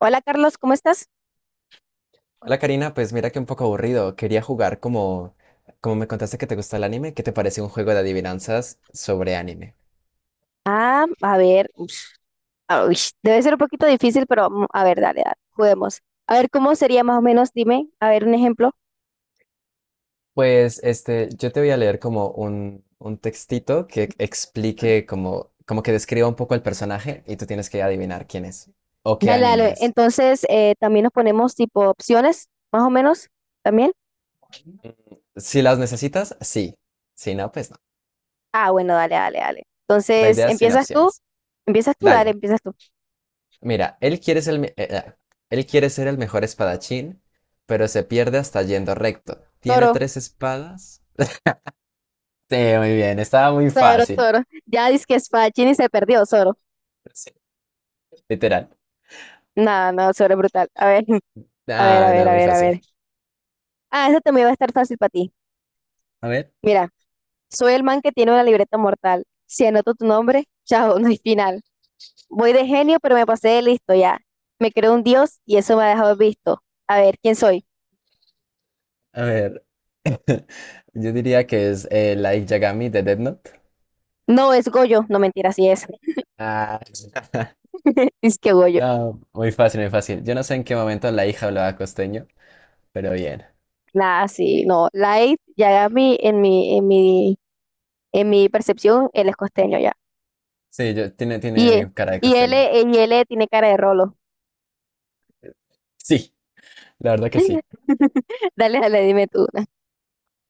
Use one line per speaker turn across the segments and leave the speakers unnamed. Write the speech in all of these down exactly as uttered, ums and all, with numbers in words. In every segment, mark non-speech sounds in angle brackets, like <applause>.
Hola Carlos, ¿cómo estás?
Hola Karina, pues mira que un poco aburrido. Quería jugar como, como me contaste que te gusta el anime, ¿qué te parece un juego de adivinanzas sobre anime?
Ah, a ver, ush, ah, ush, Debe ser un poquito difícil, pero mm, a ver, dale, dale, juguemos. A ver, ¿cómo sería más o menos? Dime, a ver, un ejemplo.
Pues este, yo te voy a leer como un, un textito que explique como, como que describa un poco el personaje y tú tienes que adivinar quién es o qué
Dale,
anime
dale.
es.
Entonces, eh, también nos ponemos tipo opciones, más o menos, también.
Mm, si las necesitas, sí. Si no, pues no.
Ah, bueno, dale, dale, dale.
La
Entonces,
idea es sin
¿empiezas tú?
opciones.
¿Empiezas tú? Dale,
Dale.
empiezas tú.
Mira, él quiere ser el, me- eh, ah, él quiere ser el mejor espadachín, pero se pierde hasta yendo recto. Tiene
Zoro,
tres espadas. Sí, muy bien, estaba muy
Zoro,
fácil.
Zoro. Ya dices que Spachini se perdió, Zoro.
Sí, literal.
No, no, Zoro es brutal. A ver, <laughs> a ver, a
Ah,
ver,
no,
a
muy
ver, a
fácil.
ver. Ah, eso también va a estar fácil para ti.
A ver,
Mira. Soy el man que tiene una libreta mortal. Si anoto tu nombre, chao, no hay final. Voy de genio, pero me pasé de listo ya. Me creo un dios y eso me ha dejado visto. A ver, ¿quién soy?
a ver. <laughs> Yo diría que es eh, Light Yagami de Death Note.
No, es Goyo. No, mentira, sí es.
Ah, <laughs>
<laughs> Es que Goyo.
no, muy fácil, muy fácil. Yo no sé en qué momento la hija hablaba costeño, pero bien.
Nada, sí, no. Light, ya en mi, en mi, en mi, en mi percepción, él es costeño ya.
Sí, yo, tiene,
Y, e-
tiene cara de
y él,
costeño.
e- y él tiene cara de rolo.
Sí, la verdad que sí.
<laughs> Dale, dale, dime tú una.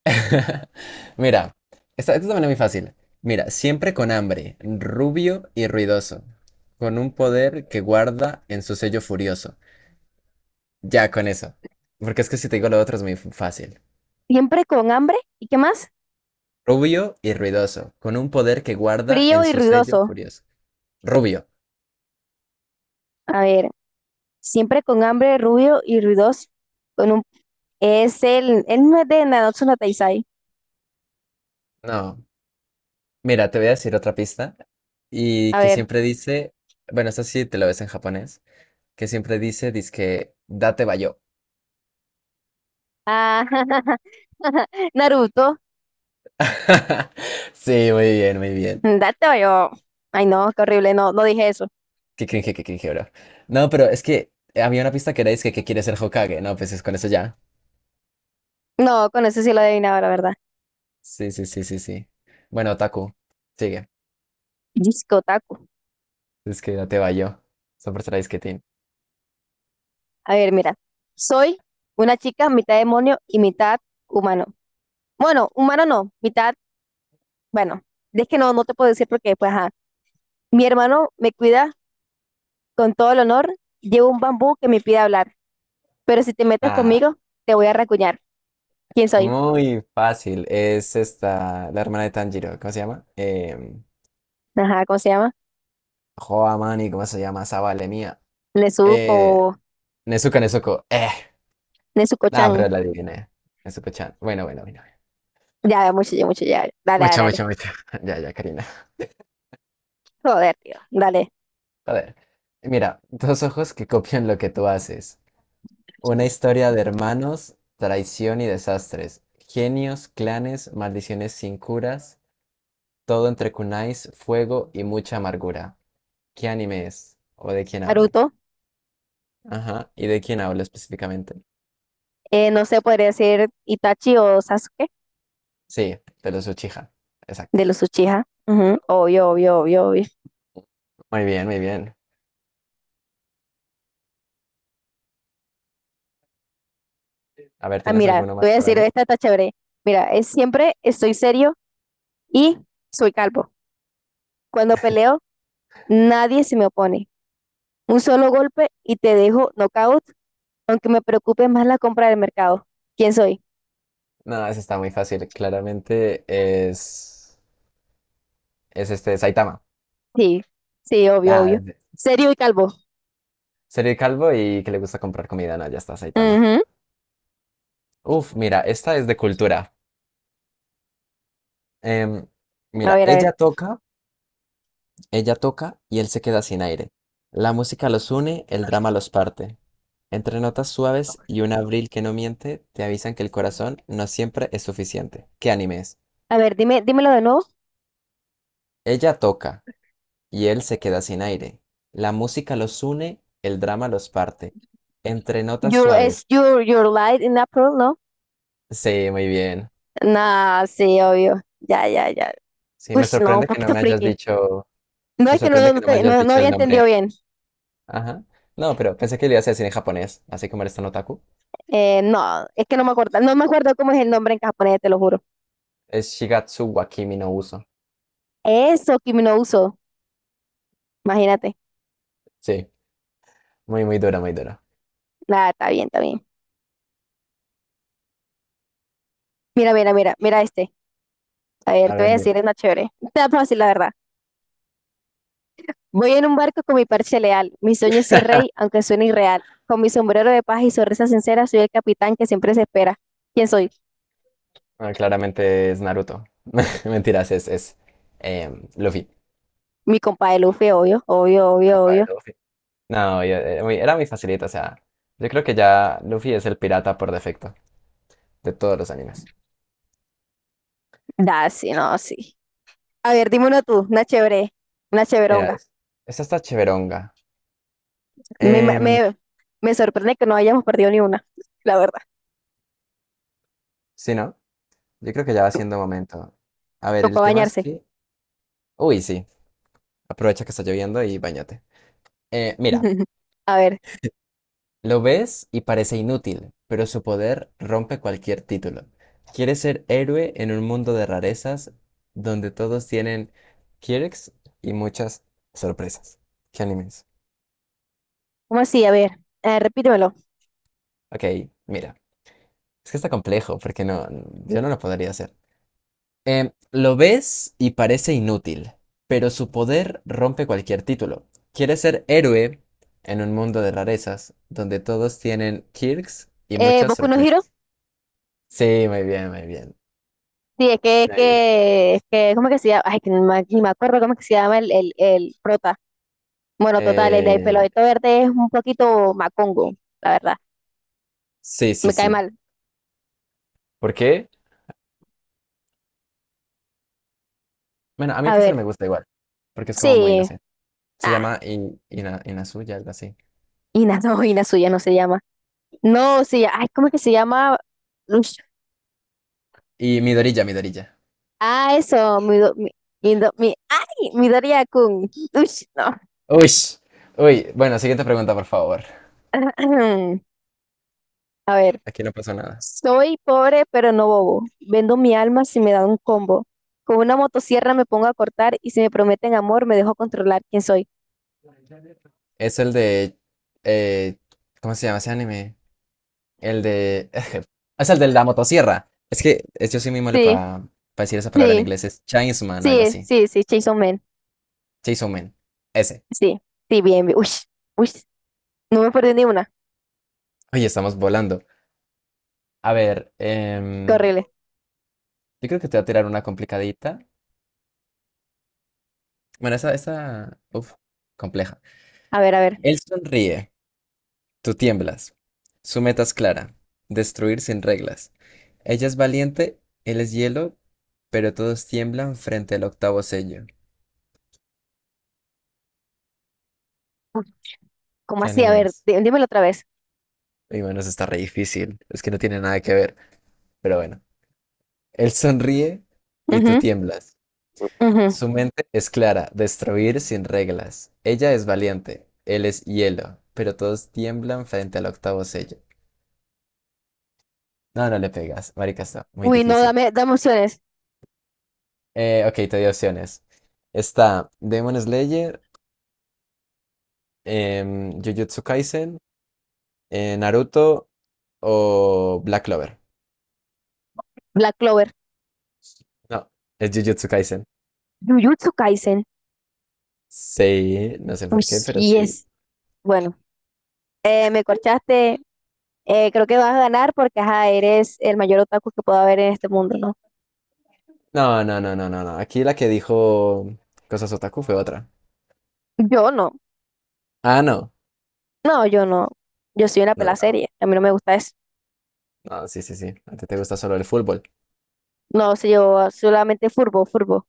<laughs> Mira, esta, esta también es muy fácil. Mira, siempre con hambre, rubio y ruidoso, con un poder que guarda en su sello furioso. Ya con eso. Porque es que si te digo lo otro es muy f- fácil.
Siempre con hambre. ¿Y qué más?
Rubio y ruidoso, con un poder que guarda
Frío
en
y
su sello
ruidoso.
furioso. Rubio.
A ver. Siempre con hambre, rubio y ruidoso. Con un, es el, él no es de Nanatsu no Taizai.
No. Mira, te voy a decir otra pista. Y
A
que
ver.
siempre dice, bueno, esta sí te lo ves en japonés, que siempre dice, dizque, date bayo.
Ah, <laughs> Naruto.
<laughs> Sí, muy bien, muy bien.
Date yo. Ay, no, qué horrible. No, no dije eso.
Qué cringe, qué cringe, bro. No, pero es que había una pista que era que, que quiere ser Hokage. No, pues es con eso ya.
No, con eso sí lo adivinaba, la verdad.
Sí, sí, sí, sí, sí. Bueno, Taku, sigue.
Disco Otaku.
Es que ya te va yo. Super Saiyajin.
A ver, mira. Soy una chica mitad demonio y mitad humano. Bueno, humano no, mitad, bueno, es que no, no te puedo decir porque, pues, ajá. Mi hermano me cuida con todo el honor, llevo un bambú que me pide hablar, pero si te metes
Ah,
conmigo, te voy a racuñar. ¿Quién soy?
muy fácil. Es esta, la hermana de Tanjiro. ¿Cómo se llama? Eh,
Ajá, ¿cómo se llama?
Hoa Mani, ¿cómo se llama? Esa vale mía.
Nezuko,
Eh, Nezuko, Nezuko. Eh. Ah,
Nezuko-chan.
pero la adiviné. Nezuko-chan. Bueno, bueno, bueno.
Ya, mucho, ya, mucho, ya. Dale, dale,
Mucho,
dale.
mucho, mucho. <laughs> Ya, ya, Karina.
Joder, tío. Dale.
Joder. Mira, dos ojos que copian lo que tú haces. Una historia de hermanos, traición y desastres, genios, clanes, maldiciones sin curas, todo entre kunais, fuego y mucha amargura. ¿Qué anime es? ¿O de quién habla?
Naruto.
Ajá, ¿y de quién habla específicamente?
Eh, no sé, podría decir Itachi o Sasuke
Sí, de los Uchiha. Exacto.
de los Uchiha. Ujú, obvio, obvio, obvio, obvio.
Muy bien, muy bien. A ver,
Ah,
¿tienes
mira,
alguno
te voy
más
a
para
decir,
mí?
esta está chévere. Mira, es siempre estoy serio y soy calvo. Cuando peleo, nadie se me opone. Un solo golpe y te dejo knockout, aunque me preocupe más la compra del mercado. ¿Quién soy?
No, ese está muy fácil. Claramente es, es este Saitama.
Sí, sí, obvio,
Ah,
obvio. Serio y calvo.
serio calvo y que le gusta comprar comida. No, ya está Saitama.
Ujú.
Uf, mira, esta es de cultura. Em,
A
mira,
ver, a ver.
ella toca, ella toca y él se queda sin aire. La música los une, el drama los parte. Entre notas suaves y un abril que no miente, te avisan que el corazón no siempre es suficiente. ¿Qué anime es?
A ver, dime, dímelo de nuevo.
Ella toca y él se queda sin aire. La música los une, el drama los parte. Entre notas
You es
suaves.
your, your light in April, ¿no?
Sí, muy bien.
Nah, sí, obvio. Ya, ya, ya.
Sí,
Uy,
me
no, un
sorprende que no
poquito
me hayas
friki.
dicho,
No
me
es que no,
sorprende que
no,
no me
te-
hayas
no- no
dicho
había
el
entendido
nombre.
bien.
Ajá. No, pero pensé que lo ibas a decir en japonés, así como eres tan otaku.
Eh, no, es que no me acuerdo. No me acuerdo cómo es el nombre en japonés, te lo juro.
Es Shigatsu wa Kimi no Uso.
Eso, Kimi no Uso. Imagínate.
Sí, muy, muy dura, muy dura.
Nada, está bien, está bien. Mira, mira, mira, mira este. A ver,
A
te voy a
ver, dime.
decir, es una chévere. Está fácil, la verdad. Voy en un barco con mi parche leal. Mi sueño es ser rey, aunque suene irreal. Con mi sombrero de paz y sonrisa sincera, soy el capitán que siempre se espera. ¿Quién soy?
Ah, claramente es Naruto. <laughs> Mentiras, es, es em, Luffy.
Mi compadre Luffy, obvio, obvio,
El
obvio,
compa de
obvio.
Luffy. No, yo- Era muy, era muy facilita, o sea, yo creo que ya Luffy es el pirata por defecto de todos los animes.
Da, sí, no, sí. A ver, dime uno tú, una chévere, una
Mira,
chéveronga.
es- esta está chéveronga.
Me,
Em,
me, me sorprende que no hayamos perdido ni una, la verdad.
sí, ¿no? Yo creo que ya va siendo momento. A ver,
Tocó
el tema es
bañarse.
que... Uy, sí, aprovecha que está lloviendo y bañate. Eh, mira,
<laughs> A ver,
lo ves y parece inútil, pero su poder rompe cualquier título. Quiere ser héroe en un mundo de rarezas donde todos tienen quirks y muchas sorpresas. ¿Qué animes?
¿cómo así? A ver, eh, repítemelo.
Ok, mira. Es que está complejo porque no, yo no lo podría hacer. Em, lo ves y parece inútil, pero su poder rompe cualquier título. Quiere ser héroe en un mundo de rarezas donde todos tienen quirks y
Eh,
muchas
¿Boku no Hero?
sorpresas. Sí, muy bien, muy bien.
Sí, es que, es
Muy bien.
que, es que, ¿cómo que se llama? Ay, que no me- ni me acuerdo cómo que se llama el, el, el prota. Bueno, total, el de pelo
Eh,
verde es un poquito macongo, la verdad.
sí, sí,
Me cae
sí.
mal.
¿Por qué? Bueno, a mí
A
casi no me
ver,
gusta igual, porque es como muy
sí.
inocente. Se
Ah,
llama In- Ina- Inazuya, algo así.
Ina, <laughs> no, Inazuya no se llama. No, sí, ay, ¿cómo es que se llama? Ush,
Y Midorilla, Midorilla.
Ah, eso, mi, do- mi, Mido- mi- ay, Midoriya-kun. Ush, no.
Uy, uy. Bueno, siguiente pregunta, por favor.
<clears throat> A ver,
Aquí no pasó nada.
soy pobre pero no bobo. Vendo mi alma si me dan un combo. Con una motosierra me pongo a cortar y si me prometen amor me dejo controlar quién soy.
Es el de... eh, ¿cómo se llama ese anime? El de... <laughs> Es el de la motosierra. Es que es- yo soy muy malo
Sí,
para decir esa palabra en
sí,
inglés. Es Chainsman, algo
sí,
así.
sí, sí, Chainsaw Man.
Chainsaw Man. Ese.
Sí, sí, bien, bien. Uy, uy, no me perdí ni una.
Oye, estamos volando. A ver,
Qué
em,
horrible.
yo creo que te voy a tirar una complicadita. Bueno, esa, esa, uf, compleja.
A ver, a ver.
Él sonríe, tú tiemblas. Su meta es clara, destruir sin reglas. Ella es valiente, él es hielo, pero todos tiemblan frente al octavo sello.
¿Cómo
¿Qué
así? A
anime
ver,
es?
dí- dímelo otra vez.
Y bueno, eso está re difícil, es que no tiene nada que ver, pero bueno. Él sonríe y tú
Ujú,
tiemblas.
ujú.
Su mente es clara, destruir sin reglas. Ella es valiente, él es hielo, pero todos tiemblan frente al octavo sello. No, no le pegas, marica, está muy
Uy, no,
difícil.
dame, dame opciones.
Eh, ok, te di opciones. Está Demon Slayer, em, Jujutsu Kaisen, eh, Naruto o Black Clover.
Black Clover.
No, es Jujutsu Kaisen.
Jujutsu Kaisen.
Sí, no sé
Uy,
por qué, pero sí.
yes. Bueno, eh, me corchaste. Eh, creo que vas a ganar porque ajá, eres el mayor otaku que pueda haber en este mundo, ¿no?
No, no, no, no, no, no. Aquí la que dijo Cosas Otaku fue otra.
Yo no.
Ah, no.
No, yo no. Yo soy una
No, no,
pela
no.
serie. A mí no me gusta eso.
No, sí, sí, sí. A ti te gusta solo el fútbol.
No, sé yo solamente furbo, furbo.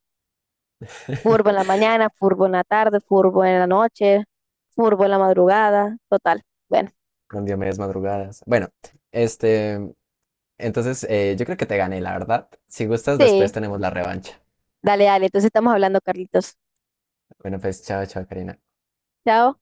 Furbo en
<laughs>
la mañana, furbo en la tarde, furbo en la noche, furbo en la madrugada, total. Bueno,
Con medias madrugadas. Bueno, este. Entonces, eh, yo creo que te gané, la verdad. Si gustas,
sí,
después tenemos la revancha.
dale, dale. Entonces estamos hablando, Carlitos.
Bueno, pues, chao, chao, Karina.
Chao.